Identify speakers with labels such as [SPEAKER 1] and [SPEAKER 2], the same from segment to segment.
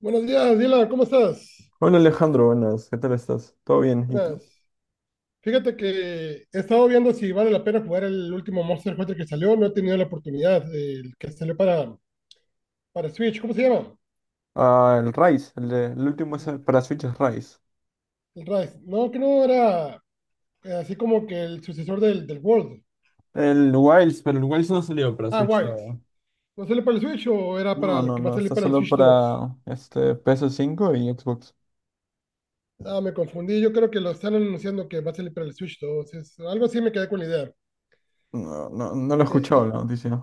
[SPEAKER 1] Buenos días, Dila, ¿cómo estás?
[SPEAKER 2] Hola Alejandro, buenas, ¿qué tal estás? ¿Todo bien? ¿Y tú?
[SPEAKER 1] Buenas. Fíjate que he estado viendo si vale la pena jugar el último Monster Hunter que salió. No he tenido la oportunidad. El que salió para Switch, ¿cómo se llama?
[SPEAKER 2] Ah, el Rise, el último es
[SPEAKER 1] El,
[SPEAKER 2] para Switch es Rise.
[SPEAKER 1] el Rise. No, que no era así como que el sucesor del World.
[SPEAKER 2] El Wilds, pero el Wilds no salió para
[SPEAKER 1] Ah,
[SPEAKER 2] Switch
[SPEAKER 1] Wilds.
[SPEAKER 2] todavía.
[SPEAKER 1] ¿No salió para el Switch o era para
[SPEAKER 2] No,
[SPEAKER 1] el
[SPEAKER 2] no,
[SPEAKER 1] que va a
[SPEAKER 2] no,
[SPEAKER 1] salir
[SPEAKER 2] está
[SPEAKER 1] para el
[SPEAKER 2] solo
[SPEAKER 1] Switch 2?
[SPEAKER 2] para este PS5 y Xbox.
[SPEAKER 1] Ah, me confundí. Yo creo que lo están anunciando que va a salir para el Switch 2. Es, algo así me quedé con la idea.
[SPEAKER 2] No, no lo he
[SPEAKER 1] Eh,
[SPEAKER 2] escuchado
[SPEAKER 1] eh,
[SPEAKER 2] la noticia.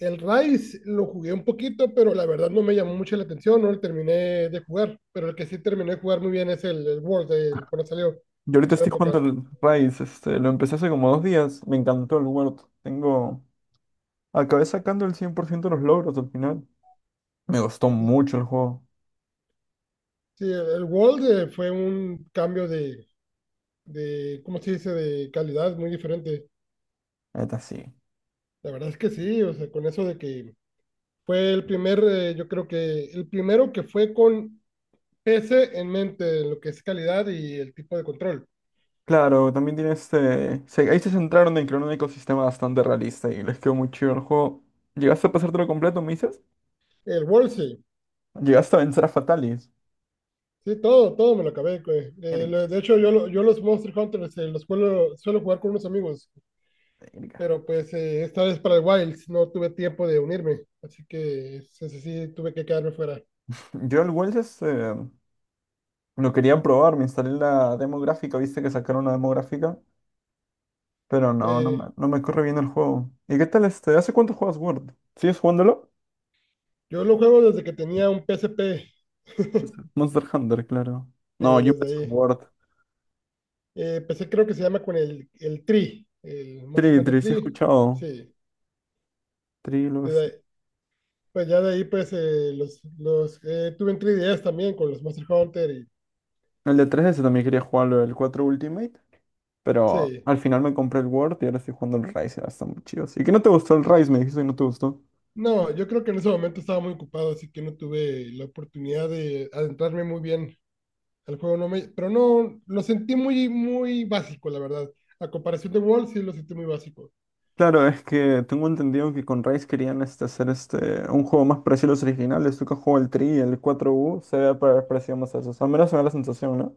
[SPEAKER 1] El Rise lo jugué un poquito, pero la verdad no me llamó mucho la atención, no lo terminé de jugar. Pero el que sí terminé de jugar muy bien es el World, cuando salió
[SPEAKER 2] Yo
[SPEAKER 1] en
[SPEAKER 2] ahorita
[SPEAKER 1] su
[SPEAKER 2] estoy jugando
[SPEAKER 1] época.
[SPEAKER 2] el Rise, este, lo empecé hace como 2 días. Me encantó el World. Acabé sacando el 100% de los logros al final. Me gustó mucho el juego,
[SPEAKER 1] Sí, el World fue un cambio ¿cómo se dice?, de calidad muy diferente.
[SPEAKER 2] neta sí.
[SPEAKER 1] La verdad es que sí, o sea, con eso de que fue el primer, yo creo que el primero que fue con PC en mente, lo que es calidad y el tipo de control.
[SPEAKER 2] Claro, también tiene este, ahí se centraron en crear un ecosistema bastante realista y les quedó muy chido el juego. ¿Llegaste a pasártelo completo, me dices?
[SPEAKER 1] El World, sí.
[SPEAKER 2] ¿Llegaste a vencer a Fatalis?
[SPEAKER 1] Sí, todo, todo me lo acabé, güey.
[SPEAKER 2] Erga,
[SPEAKER 1] De hecho, yo los Monster Hunters los suelo jugar con unos amigos,
[SPEAKER 2] erga.
[SPEAKER 1] pero pues esta vez para el Wilds no tuve tiempo de unirme, así que ese sí tuve que quedarme fuera.
[SPEAKER 2] Yo el Wells, este, lo quería probar. Me instalé la demográfica, viste que sacaron la demográfica, pero no,
[SPEAKER 1] Eh,
[SPEAKER 2] no me corre bien el juego. ¿Y qué tal este? ¿Hace cuánto juegas Word? ¿Sigues jugándolo?
[SPEAKER 1] yo lo juego desde que tenía un PSP, eh,
[SPEAKER 2] Este, Monster Hunter, claro. No, yo
[SPEAKER 1] desde
[SPEAKER 2] empecé en
[SPEAKER 1] ahí.
[SPEAKER 2] Word.
[SPEAKER 1] Empecé creo que se llama con el Tree, el Monster
[SPEAKER 2] Tri,
[SPEAKER 1] Hunter
[SPEAKER 2] Tri, sí he
[SPEAKER 1] Tree,
[SPEAKER 2] escuchado.
[SPEAKER 1] sí.
[SPEAKER 2] Tri,
[SPEAKER 1] desde ahí- pues ya de ahí pues los tuve en 3DS también con los Monster Hunter y
[SPEAKER 2] el de 3DS también quería jugarlo, el 4 Ultimate. Pero
[SPEAKER 1] sí.
[SPEAKER 2] al final me compré el Word y ahora estoy jugando el Rise, ahora está muy chido. ¿Y que no te gustó el Rise? Me dijiste que no te gustó.
[SPEAKER 1] No, yo creo que en ese momento estaba muy ocupado, así que no tuve la oportunidad de adentrarme muy bien al juego. Pero no, lo sentí muy, muy básico, la verdad. A comparación de World, sí lo sentí muy básico.
[SPEAKER 2] Claro, es que tengo entendido que con Rise querían este, hacer este, un juego más parecido a los originales. Tú que has jugado el 3 y el 4U, se ve pa- parecido más a esos. Al menos me da la sensación, ¿no?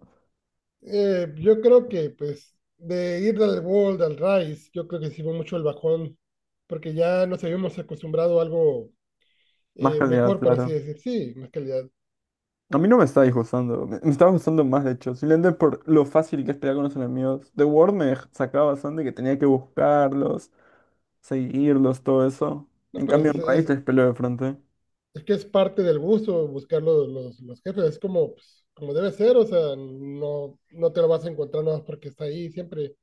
[SPEAKER 1] Yo creo que, pues, de ir del World al Rise, yo creo que sí fue mucho el bajón, porque ya nos habíamos acostumbrado a algo
[SPEAKER 2] Más calidad,
[SPEAKER 1] mejor, por así
[SPEAKER 2] claro.
[SPEAKER 1] decir. Sí, más calidad.
[SPEAKER 2] A mí no me está disgustando, me estaba gustando más de hecho. Simplemente por lo fácil que es pelear con los enemigos. The Word me sacaba bastante que tenía que buscarlos, seguirlos, todo eso.
[SPEAKER 1] No,
[SPEAKER 2] En
[SPEAKER 1] pero
[SPEAKER 2] cambio, en Rise te peleo de frente.
[SPEAKER 1] es que es parte del gusto buscar los jefes, es como, pues, como debe ser, o sea, no, no te lo vas a encontrar nada más porque está ahí, siempre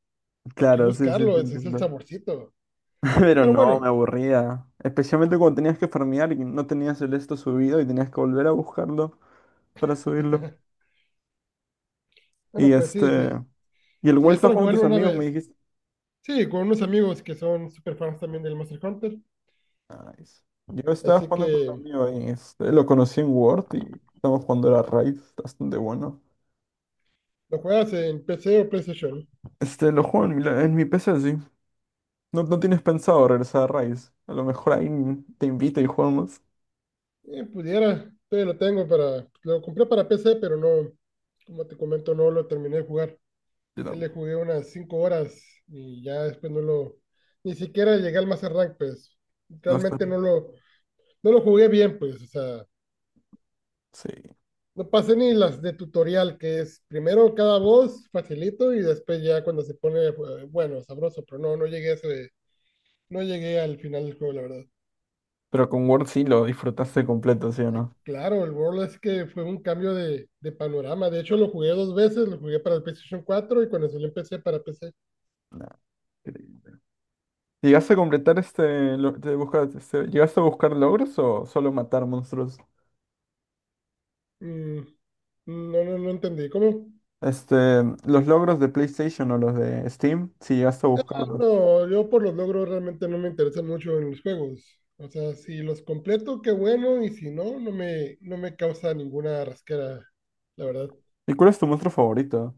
[SPEAKER 1] hay que
[SPEAKER 2] Claro, sí, sí, te
[SPEAKER 1] buscarlo, ese es el
[SPEAKER 2] entiendo.
[SPEAKER 1] saborcito.
[SPEAKER 2] Pero
[SPEAKER 1] Pero
[SPEAKER 2] no, me
[SPEAKER 1] bueno,
[SPEAKER 2] aburría. Especialmente cuando tenías que farmear y no tenías el esto subido y tenías que volver a buscarlo para subirlo. Y
[SPEAKER 1] bueno, pues
[SPEAKER 2] este. Y el
[SPEAKER 1] si
[SPEAKER 2] World
[SPEAKER 1] es
[SPEAKER 2] estaba
[SPEAKER 1] para
[SPEAKER 2] jugando con
[SPEAKER 1] jugarlo
[SPEAKER 2] tus
[SPEAKER 1] una
[SPEAKER 2] amigos, me
[SPEAKER 1] vez,
[SPEAKER 2] dijiste.
[SPEAKER 1] sí, con unos amigos que son super fans también del Monster Hunter,
[SPEAKER 2] Nice. Yo estaba
[SPEAKER 1] así
[SPEAKER 2] jugando con un
[SPEAKER 1] que
[SPEAKER 2] amigo ahí. Este, lo conocí en Word y estamos jugando a Raid. Está bastante bueno.
[SPEAKER 1] lo juegas en PC o PlayStation.
[SPEAKER 2] Este, lo juego en mi, en mi PC, sí. No, no tienes pensado regresar a Raid. A lo mejor ahí te invito y jugamos.
[SPEAKER 1] Pudiera, todavía lo tengo lo compré para PC, pero no, como te comento, no lo terminé de jugar.
[SPEAKER 2] Yo
[SPEAKER 1] Que
[SPEAKER 2] no,
[SPEAKER 1] le jugué unas 5 horas y ya después no ni siquiera llegué al Master Rank, pues
[SPEAKER 2] no está.
[SPEAKER 1] realmente no no lo jugué bien, pues, o sea,
[SPEAKER 2] Sí.
[SPEAKER 1] no pasé ni las de tutorial, que es primero cada voz, facilito, y después ya cuando se pone, bueno, sabroso, pero no, no llegué a no llegué al final del juego, la verdad.
[SPEAKER 2] Pero con Word sí lo disfrutaste completo, ¿sí o no?
[SPEAKER 1] Claro, el World es que fue un cambio de panorama. De hecho, lo jugué dos veces, lo jugué para el PlayStation 4 y cuando salió en PC para PC.
[SPEAKER 2] Nah, ¿llegaste a completar este, este, ¿llegaste a buscar logros o solo matar monstruos?
[SPEAKER 1] Mm, no, no, no entendí. ¿Cómo?
[SPEAKER 2] Este, los logros de PlayStation o los de Steam, si llegaste a buscarlos.
[SPEAKER 1] No, yo por los logros realmente no me interesan mucho en los juegos. O sea, si los completo, qué bueno, y si no, no me causa ninguna rasquera, la verdad.
[SPEAKER 2] ¿Y cuál es tu monstruo favorito?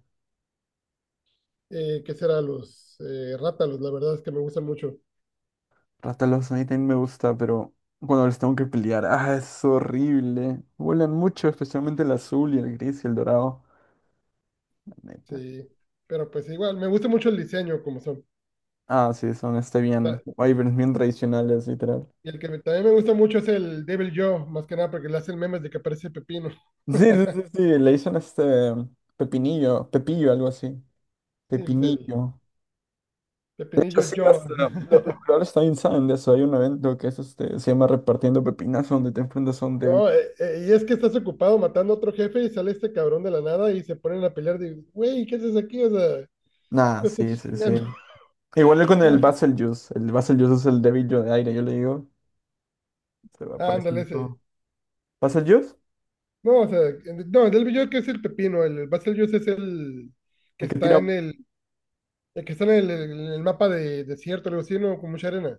[SPEAKER 1] ¿Qué será? Los rátalos, la verdad es que me gustan mucho.
[SPEAKER 2] Rátalos, a mí también me gusta, pero cuando les tengo que pelear, ah, es horrible. Vuelan mucho, especialmente el azul y el gris y el dorado. La neta.
[SPEAKER 1] Sí, pero pues igual, me gusta mucho el diseño como son.
[SPEAKER 2] Ah, sí, son este bien,
[SPEAKER 1] Ta-
[SPEAKER 2] wyverns bien tradicionales, literal.
[SPEAKER 1] Y el que también me gusta mucho es el Devil Joe, más que nada porque le hacen memes de que aparece Pepino.
[SPEAKER 2] Sí, sí, sí, sí, le dicen este pepinillo, pepillo, algo así.
[SPEAKER 1] Sí, pues el
[SPEAKER 2] Pepinillo. De hecho,
[SPEAKER 1] Pepinillo
[SPEAKER 2] sí,
[SPEAKER 1] Joe.
[SPEAKER 2] los creadores también saben de eso. Hay un evento que es este, se llama Repartiendo Pepinas, donde te enfrentas a un débil.
[SPEAKER 1] No, y es que estás ocupado matando a otro jefe y sale este cabrón de la nada y se ponen a pelear. Digo, güey, ¿qué haces aquí? O sea,
[SPEAKER 2] Nah,
[SPEAKER 1] no estás
[SPEAKER 2] sí, sí, sí.
[SPEAKER 1] chingando.
[SPEAKER 2] Igual con el
[SPEAKER 1] No,
[SPEAKER 2] Basil Juice. El Basil Juice es el débil yo de aire, yo le digo. Se va
[SPEAKER 1] ah, ándale,
[SPEAKER 2] apareciendo
[SPEAKER 1] ese.
[SPEAKER 2] todo. ¿Basil Juice?
[SPEAKER 1] No, o sea, no, el del Bellota es el pepino. El Basil es el que
[SPEAKER 2] El que
[SPEAKER 1] está
[SPEAKER 2] tira.
[SPEAKER 1] en el que está en el mapa de desierto, algo así, ¿no? Con mucha arena.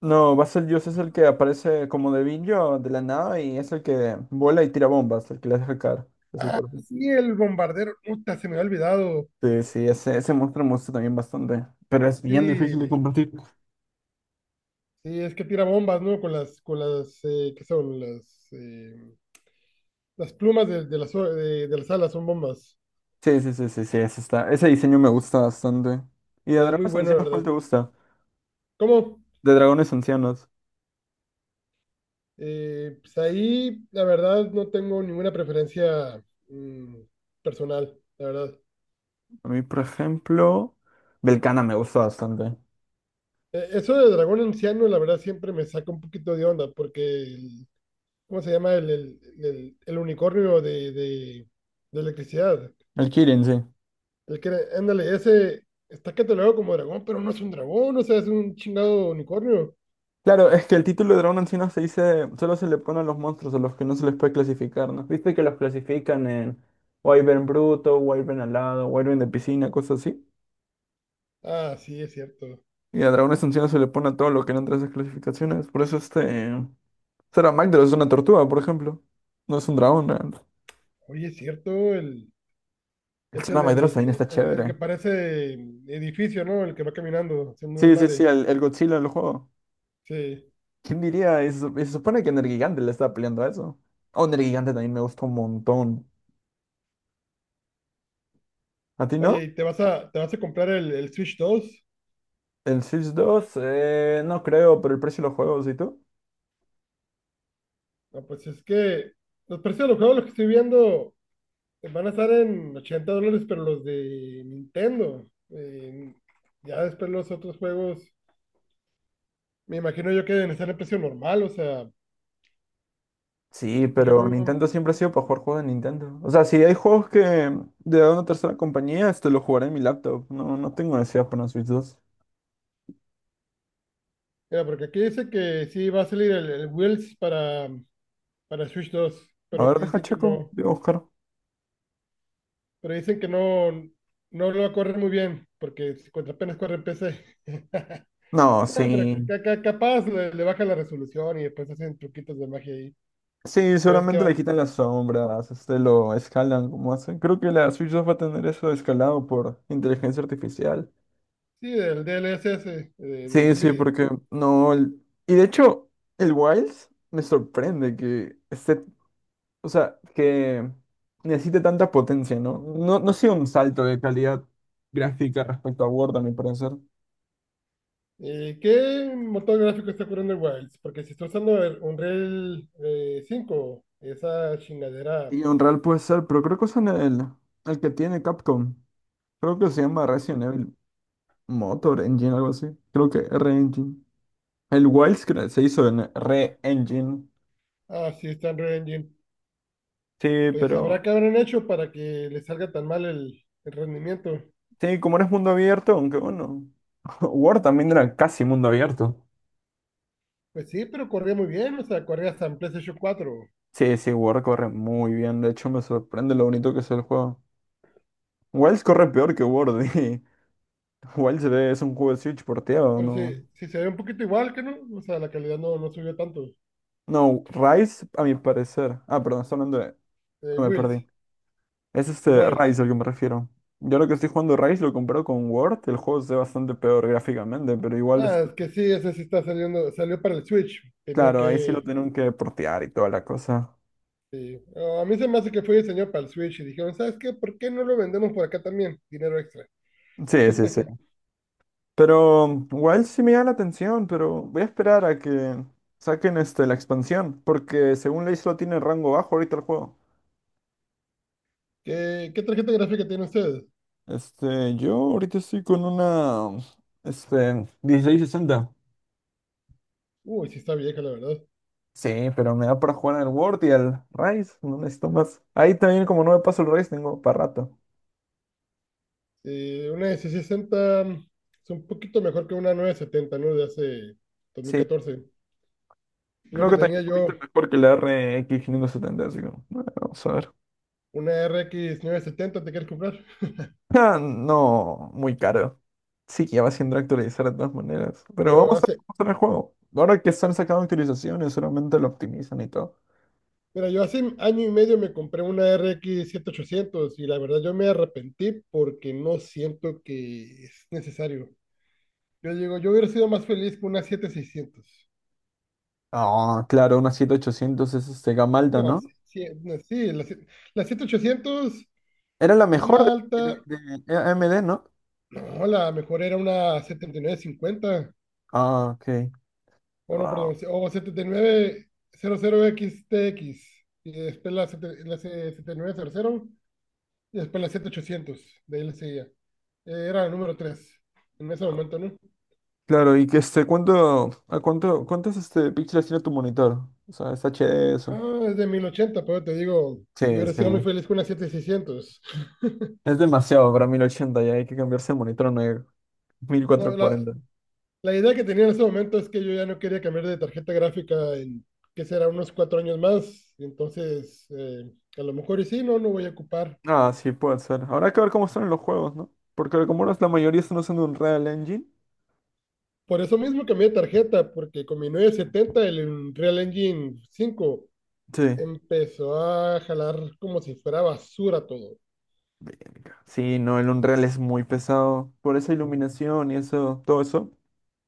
[SPEAKER 2] No, Basil Juice es el que aparece como debillo de la nada y es el que vuela y tira bombas, el que le hace caer de su cuerpo.
[SPEAKER 1] Sí, el bombardero. Puta, se me había olvidado.
[SPEAKER 2] Sí, sí, ese monstruo me gusta también bastante. Pero es bien difícil de
[SPEAKER 1] Sí,
[SPEAKER 2] combatir.
[SPEAKER 1] sí, es que tira bombas, ¿no? Con ¿qué son? Las plumas de de las alas son bombas.
[SPEAKER 2] Sí, ese está. Ese diseño me gusta bastante. ¿Y de
[SPEAKER 1] Muy
[SPEAKER 2] dragones
[SPEAKER 1] bueno, la
[SPEAKER 2] ancianos cuál
[SPEAKER 1] verdad.
[SPEAKER 2] te gusta?
[SPEAKER 1] ¿Cómo?
[SPEAKER 2] De dragones ancianos.
[SPEAKER 1] Pues ahí, la verdad, no tengo ninguna preferencia mm, personal, la verdad.
[SPEAKER 2] A mí, por ejemplo, Belcana me gusta bastante.
[SPEAKER 1] Eso de dragón anciano, la verdad, siempre me saca un poquito de onda, porque, ¿cómo se llama? El unicornio de electricidad.
[SPEAKER 2] El Kirin, sí.
[SPEAKER 1] El que, era- ándale, ese está catalogado como dragón, pero no es un dragón, o sea, es un chingado unicornio.
[SPEAKER 2] Claro, es que el título de dragón anciano se dice, solo se le pone a los monstruos a los que no se les puede clasificar, ¿no? Viste que los clasifican en Wyvern bruto, Wyvern alado, Wyvern de piscina, cosas así.
[SPEAKER 1] Ah, sí, es cierto.
[SPEAKER 2] Y a dragones ancianos se le pone a todo lo que no entra a esas clasificaciones. Por eso este, Saramagdros es una tortuga, por ejemplo. No es un dragón, ¿no?
[SPEAKER 1] Oye, es cierto,
[SPEAKER 2] El
[SPEAKER 1] es
[SPEAKER 2] Saramagdros
[SPEAKER 1] el que
[SPEAKER 2] también está
[SPEAKER 1] el que
[SPEAKER 2] chévere.
[SPEAKER 1] parece mm, edificio, ¿no? El que va caminando haciendo un
[SPEAKER 2] Sí, sí, sí,
[SPEAKER 1] desmadre.
[SPEAKER 2] el Godzilla del juego.
[SPEAKER 1] Sí.
[SPEAKER 2] ¿Quién diría? Y se supone que Nergigante le está peleando a eso. Oh, Nergigante también me gustó un montón. ¿A ti no?
[SPEAKER 1] Oye, ¿y te vas a comprar el Switch dos?
[SPEAKER 2] ¿El Sims dos? No creo, pero el precio de los juegos, ¿y tú?
[SPEAKER 1] No, pues es que los precios de los juegos, los que estoy viendo, van a estar en 80 dólares, pero los de Nintendo. Ya después los otros juegos, me imagino yo que deben estar en precio normal. O sea,
[SPEAKER 2] Sí,
[SPEAKER 1] por ejemplo,
[SPEAKER 2] pero Nintendo siempre ha sido para jugar juegos de Nintendo. O sea, si hay juegos que de una tercera compañía, este lo jugaré en mi laptop. No, no tengo necesidad para una Switch dos.
[SPEAKER 1] mira, porque aquí dice que sí va a salir el Wheels para Switch dos,
[SPEAKER 2] A
[SPEAKER 1] pero
[SPEAKER 2] ver,
[SPEAKER 1] que
[SPEAKER 2] deja
[SPEAKER 1] dicen que
[SPEAKER 2] Chaco,
[SPEAKER 1] no.
[SPEAKER 2] digo, Oscar.
[SPEAKER 1] Pero dicen que no, no lo corre muy bien, porque contra apenas corre en P C.
[SPEAKER 2] No, sí.
[SPEAKER 1] No, pero capaz le baja la resolución y después hacen truquitos de magia ahí.
[SPEAKER 2] Sí,
[SPEAKER 1] Ya ves que
[SPEAKER 2] seguramente le
[SPEAKER 1] va.
[SPEAKER 2] quitan las sombras, este lo escalan como hacen. Creo que la Switch 2 va a tener eso escalado por inteligencia artificial.
[SPEAKER 1] Sí, del D L S S de
[SPEAKER 2] Sí, sí,
[SPEAKER 1] NVIDIA.
[SPEAKER 2] porque no. Y de hecho, el Wilds me sorprende que esté, o sea, que necesite tanta potencia, ¿no? No, no ha sido un salto de calidad gráfica respecto a Word, a mi parecer.
[SPEAKER 1] ¿Qué motor gráfico está corriendo el Wilds? Porque si está usando el Unreal 5, esa chingadera.
[SPEAKER 2] Y Unreal puede ser, pero creo que usan el que tiene Capcom. Creo que se llama Resident Evil Motor Engine, algo así. Creo que R-Engine. El Wilds se hizo en Re-Engine.
[SPEAKER 1] Ah, sí, está en Unreal Engine.
[SPEAKER 2] Sí,
[SPEAKER 1] Pues habrá
[SPEAKER 2] pero.
[SPEAKER 1] que habrán hecho para que le salga tan mal el rendimiento.
[SPEAKER 2] Sí, como no es mundo abierto, aunque bueno. War también era casi mundo abierto.
[SPEAKER 1] Pues sí, pero corría muy bien, o sea, corría hasta en PlayStation 4.
[SPEAKER 2] Sí, sí, War corre muy bien. De hecho, me sorprende lo bonito que es el juego. Wilds corre peor que War, y Wilds es un juego de Switch porteado,
[SPEAKER 1] Pero
[SPEAKER 2] ¿no?
[SPEAKER 1] sí, sí se ve un poquito igual que no, o sea, la calidad no, no subió tanto.
[SPEAKER 2] No, Rise, a mi parecer. Ah, perdón, estoy hablando de.
[SPEAKER 1] Eh,
[SPEAKER 2] Ah, me
[SPEAKER 1] Wills,
[SPEAKER 2] perdí. Es
[SPEAKER 1] de
[SPEAKER 2] este
[SPEAKER 1] Wilds.
[SPEAKER 2] Rise al que me refiero. Yo lo que estoy jugando Rise lo comparo con Word. El juego se ve bastante peor gráficamente, pero igual es.
[SPEAKER 1] Ah, es que sí, ese sí está saliendo, salió para el Switch.
[SPEAKER 2] Claro, ahí sí lo tienen que portear y toda la cosa.
[SPEAKER 1] Sí. Oh, a mí se me hace que fue diseñado para el Switch y dijeron, ¿sabes qué? ¿Por qué no lo vendemos por acá también? Dinero extra.
[SPEAKER 2] Sí, sí, sí. Pero igual sí me llama la atención, pero voy a esperar a que saquen este, la expansión, porque según ley solo tiene rango bajo ahorita el juego.
[SPEAKER 1] ¿Qué, qué tarjeta gráfica tiene usted?
[SPEAKER 2] Este, yo ahorita estoy con una, este, 1660.
[SPEAKER 1] Uy, sí está vieja, la verdad.
[SPEAKER 2] Sí, pero me da para jugar al World y al Rise, no necesito más. Ahí también como no me paso el Rise tengo para rato.
[SPEAKER 1] Una de 60 es un poquito mejor que una 970, ¿no? De hace dos mil
[SPEAKER 2] Sí,
[SPEAKER 1] catorce. Lo
[SPEAKER 2] creo
[SPEAKER 1] que
[SPEAKER 2] que también
[SPEAKER 1] tenía
[SPEAKER 2] un poquito
[SPEAKER 1] yo,
[SPEAKER 2] mejor que la RX 570, así que bueno, vamos a ver.
[SPEAKER 1] una RX setenta. ¿Te quieres comprar?
[SPEAKER 2] Ah, no, muy caro. Sí, que ya va siendo actualizar de todas maneras. Pero
[SPEAKER 1] Yo
[SPEAKER 2] vamos a
[SPEAKER 1] hace,
[SPEAKER 2] hacer el juego. Ahora que están sacando actualizaciones, solamente lo optimizan y todo.
[SPEAKER 1] Mira, yo hace año y medio me compré una RX ochocientos y la verdad yo me arrepentí porque no siento que es necesario. Yo digo, yo hubiera sido más feliz con una 7600.
[SPEAKER 2] Ah, claro, una 7800 es este Gamalda,
[SPEAKER 1] No,
[SPEAKER 2] ¿no?
[SPEAKER 1] sí, sí, no, sí, la, sie- la 7800,
[SPEAKER 2] Era la mejor
[SPEAKER 1] gama alta,
[SPEAKER 2] de AMD, ¿no?
[SPEAKER 1] no, la mejor era una 7950,
[SPEAKER 2] Ah, ok.
[SPEAKER 1] o no,
[SPEAKER 2] Wow.
[SPEAKER 1] perdón, o 7900XTX, y nueve cero cero X T X, y después la, sete- la se- setenta y 7900. Y después la 7800 de ahí le seguía. Era el número 3 en ese momento, ¿no?
[SPEAKER 2] Claro, y que este, ¿cuántos este, píxeles tiene tu monitor? O sea, es HD eso.
[SPEAKER 1] Ah, es de 1080 pero te digo, yo
[SPEAKER 2] Sí,
[SPEAKER 1] ahora
[SPEAKER 2] sí.
[SPEAKER 1] sido muy feliz con una 7600.
[SPEAKER 2] Es demasiado para 1080, ya hay que cambiarse el monitor a una mil
[SPEAKER 1] No,
[SPEAKER 2] cuatrocientos cuarenta
[SPEAKER 1] la idea que tenía en ese momento es que yo ya no quería cambiar de tarjeta gráfica en, que será unos cuatro años más. Y entonces, a lo mejor y sí, no, no voy a ocupar.
[SPEAKER 2] Ah, sí, puede ser. Habrá que ver cómo están en los juegos, ¿no? Porque como ahora la mayoría están usando Unreal Engine.
[SPEAKER 1] Por eso mismo cambié de tarjeta, porque con mi setenta el Unreal Engine 5
[SPEAKER 2] Sí.
[SPEAKER 1] empezó a jalar como si fuera basura todo.
[SPEAKER 2] Verga. Sí, no, el Unreal es muy pesado. Por esa iluminación y eso, todo eso.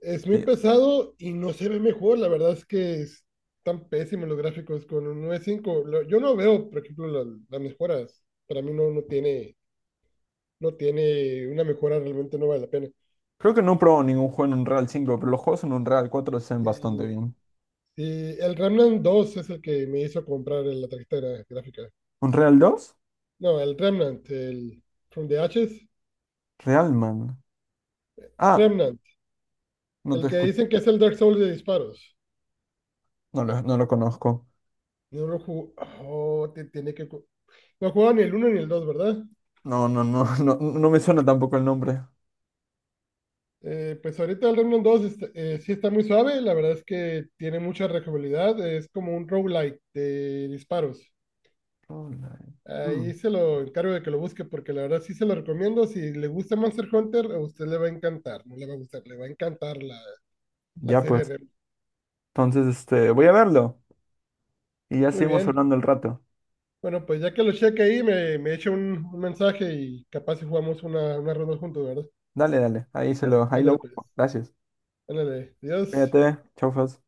[SPEAKER 1] Es muy
[SPEAKER 2] Sí.
[SPEAKER 1] pesado y no se ve mejor. La verdad es que están pésimos los gráficos con un 9.5. Yo no veo, por ejemplo, las mejoras. Para mí no tiene una mejora, realmente no vale la pena.
[SPEAKER 2] Creo que no he probado ningún juego en Unreal 5, pero los juegos en Unreal 4 se ven bastante
[SPEAKER 1] El,
[SPEAKER 2] bien.
[SPEAKER 1] y el Remnant 2 es el que me hizo comprar la tarjeta gráfica.
[SPEAKER 2] ¿Unreal 2?
[SPEAKER 1] No, el Remnant, el From the Ashes.
[SPEAKER 2] Real Man. Ah,
[SPEAKER 1] Remnant,
[SPEAKER 2] no
[SPEAKER 1] el
[SPEAKER 2] te
[SPEAKER 1] que
[SPEAKER 2] escucho.
[SPEAKER 1] dicen que es el Dark Souls de disparos.
[SPEAKER 2] No lo conozco.
[SPEAKER 1] No lo jugó. Oh, tiene que. No jugaba ni el uno ni el dos, ¿verdad?
[SPEAKER 2] No, no, no, no, no me suena tampoco el nombre.
[SPEAKER 1] Pues ahorita el Remnant 2 está- sí está muy suave, la verdad es que tiene mucha rejugabilidad, es como un roguelike de disparos.
[SPEAKER 2] Roland. Mm.
[SPEAKER 1] Ahí se lo encargo de que lo busque porque la verdad sí se lo recomiendo, si le gusta Monster Hunter a usted le va a encantar, no le va a gustar, le va a encantar la
[SPEAKER 2] Ya
[SPEAKER 1] serie
[SPEAKER 2] pues.
[SPEAKER 1] Remnant.
[SPEAKER 2] Entonces, este, voy a verlo. Y ya
[SPEAKER 1] Muy
[SPEAKER 2] seguimos
[SPEAKER 1] bien,
[SPEAKER 2] hablando el rato.
[SPEAKER 1] bueno pues ya que lo cheque ahí me echa un mensaje y capaz si jugamos una ronda juntos, ¿verdad?
[SPEAKER 2] Dale, dale, ahí lo
[SPEAKER 1] Ándale pues,
[SPEAKER 2] busco. Gracias.
[SPEAKER 1] ándale, adiós.
[SPEAKER 2] Cuídate, chau, Fas.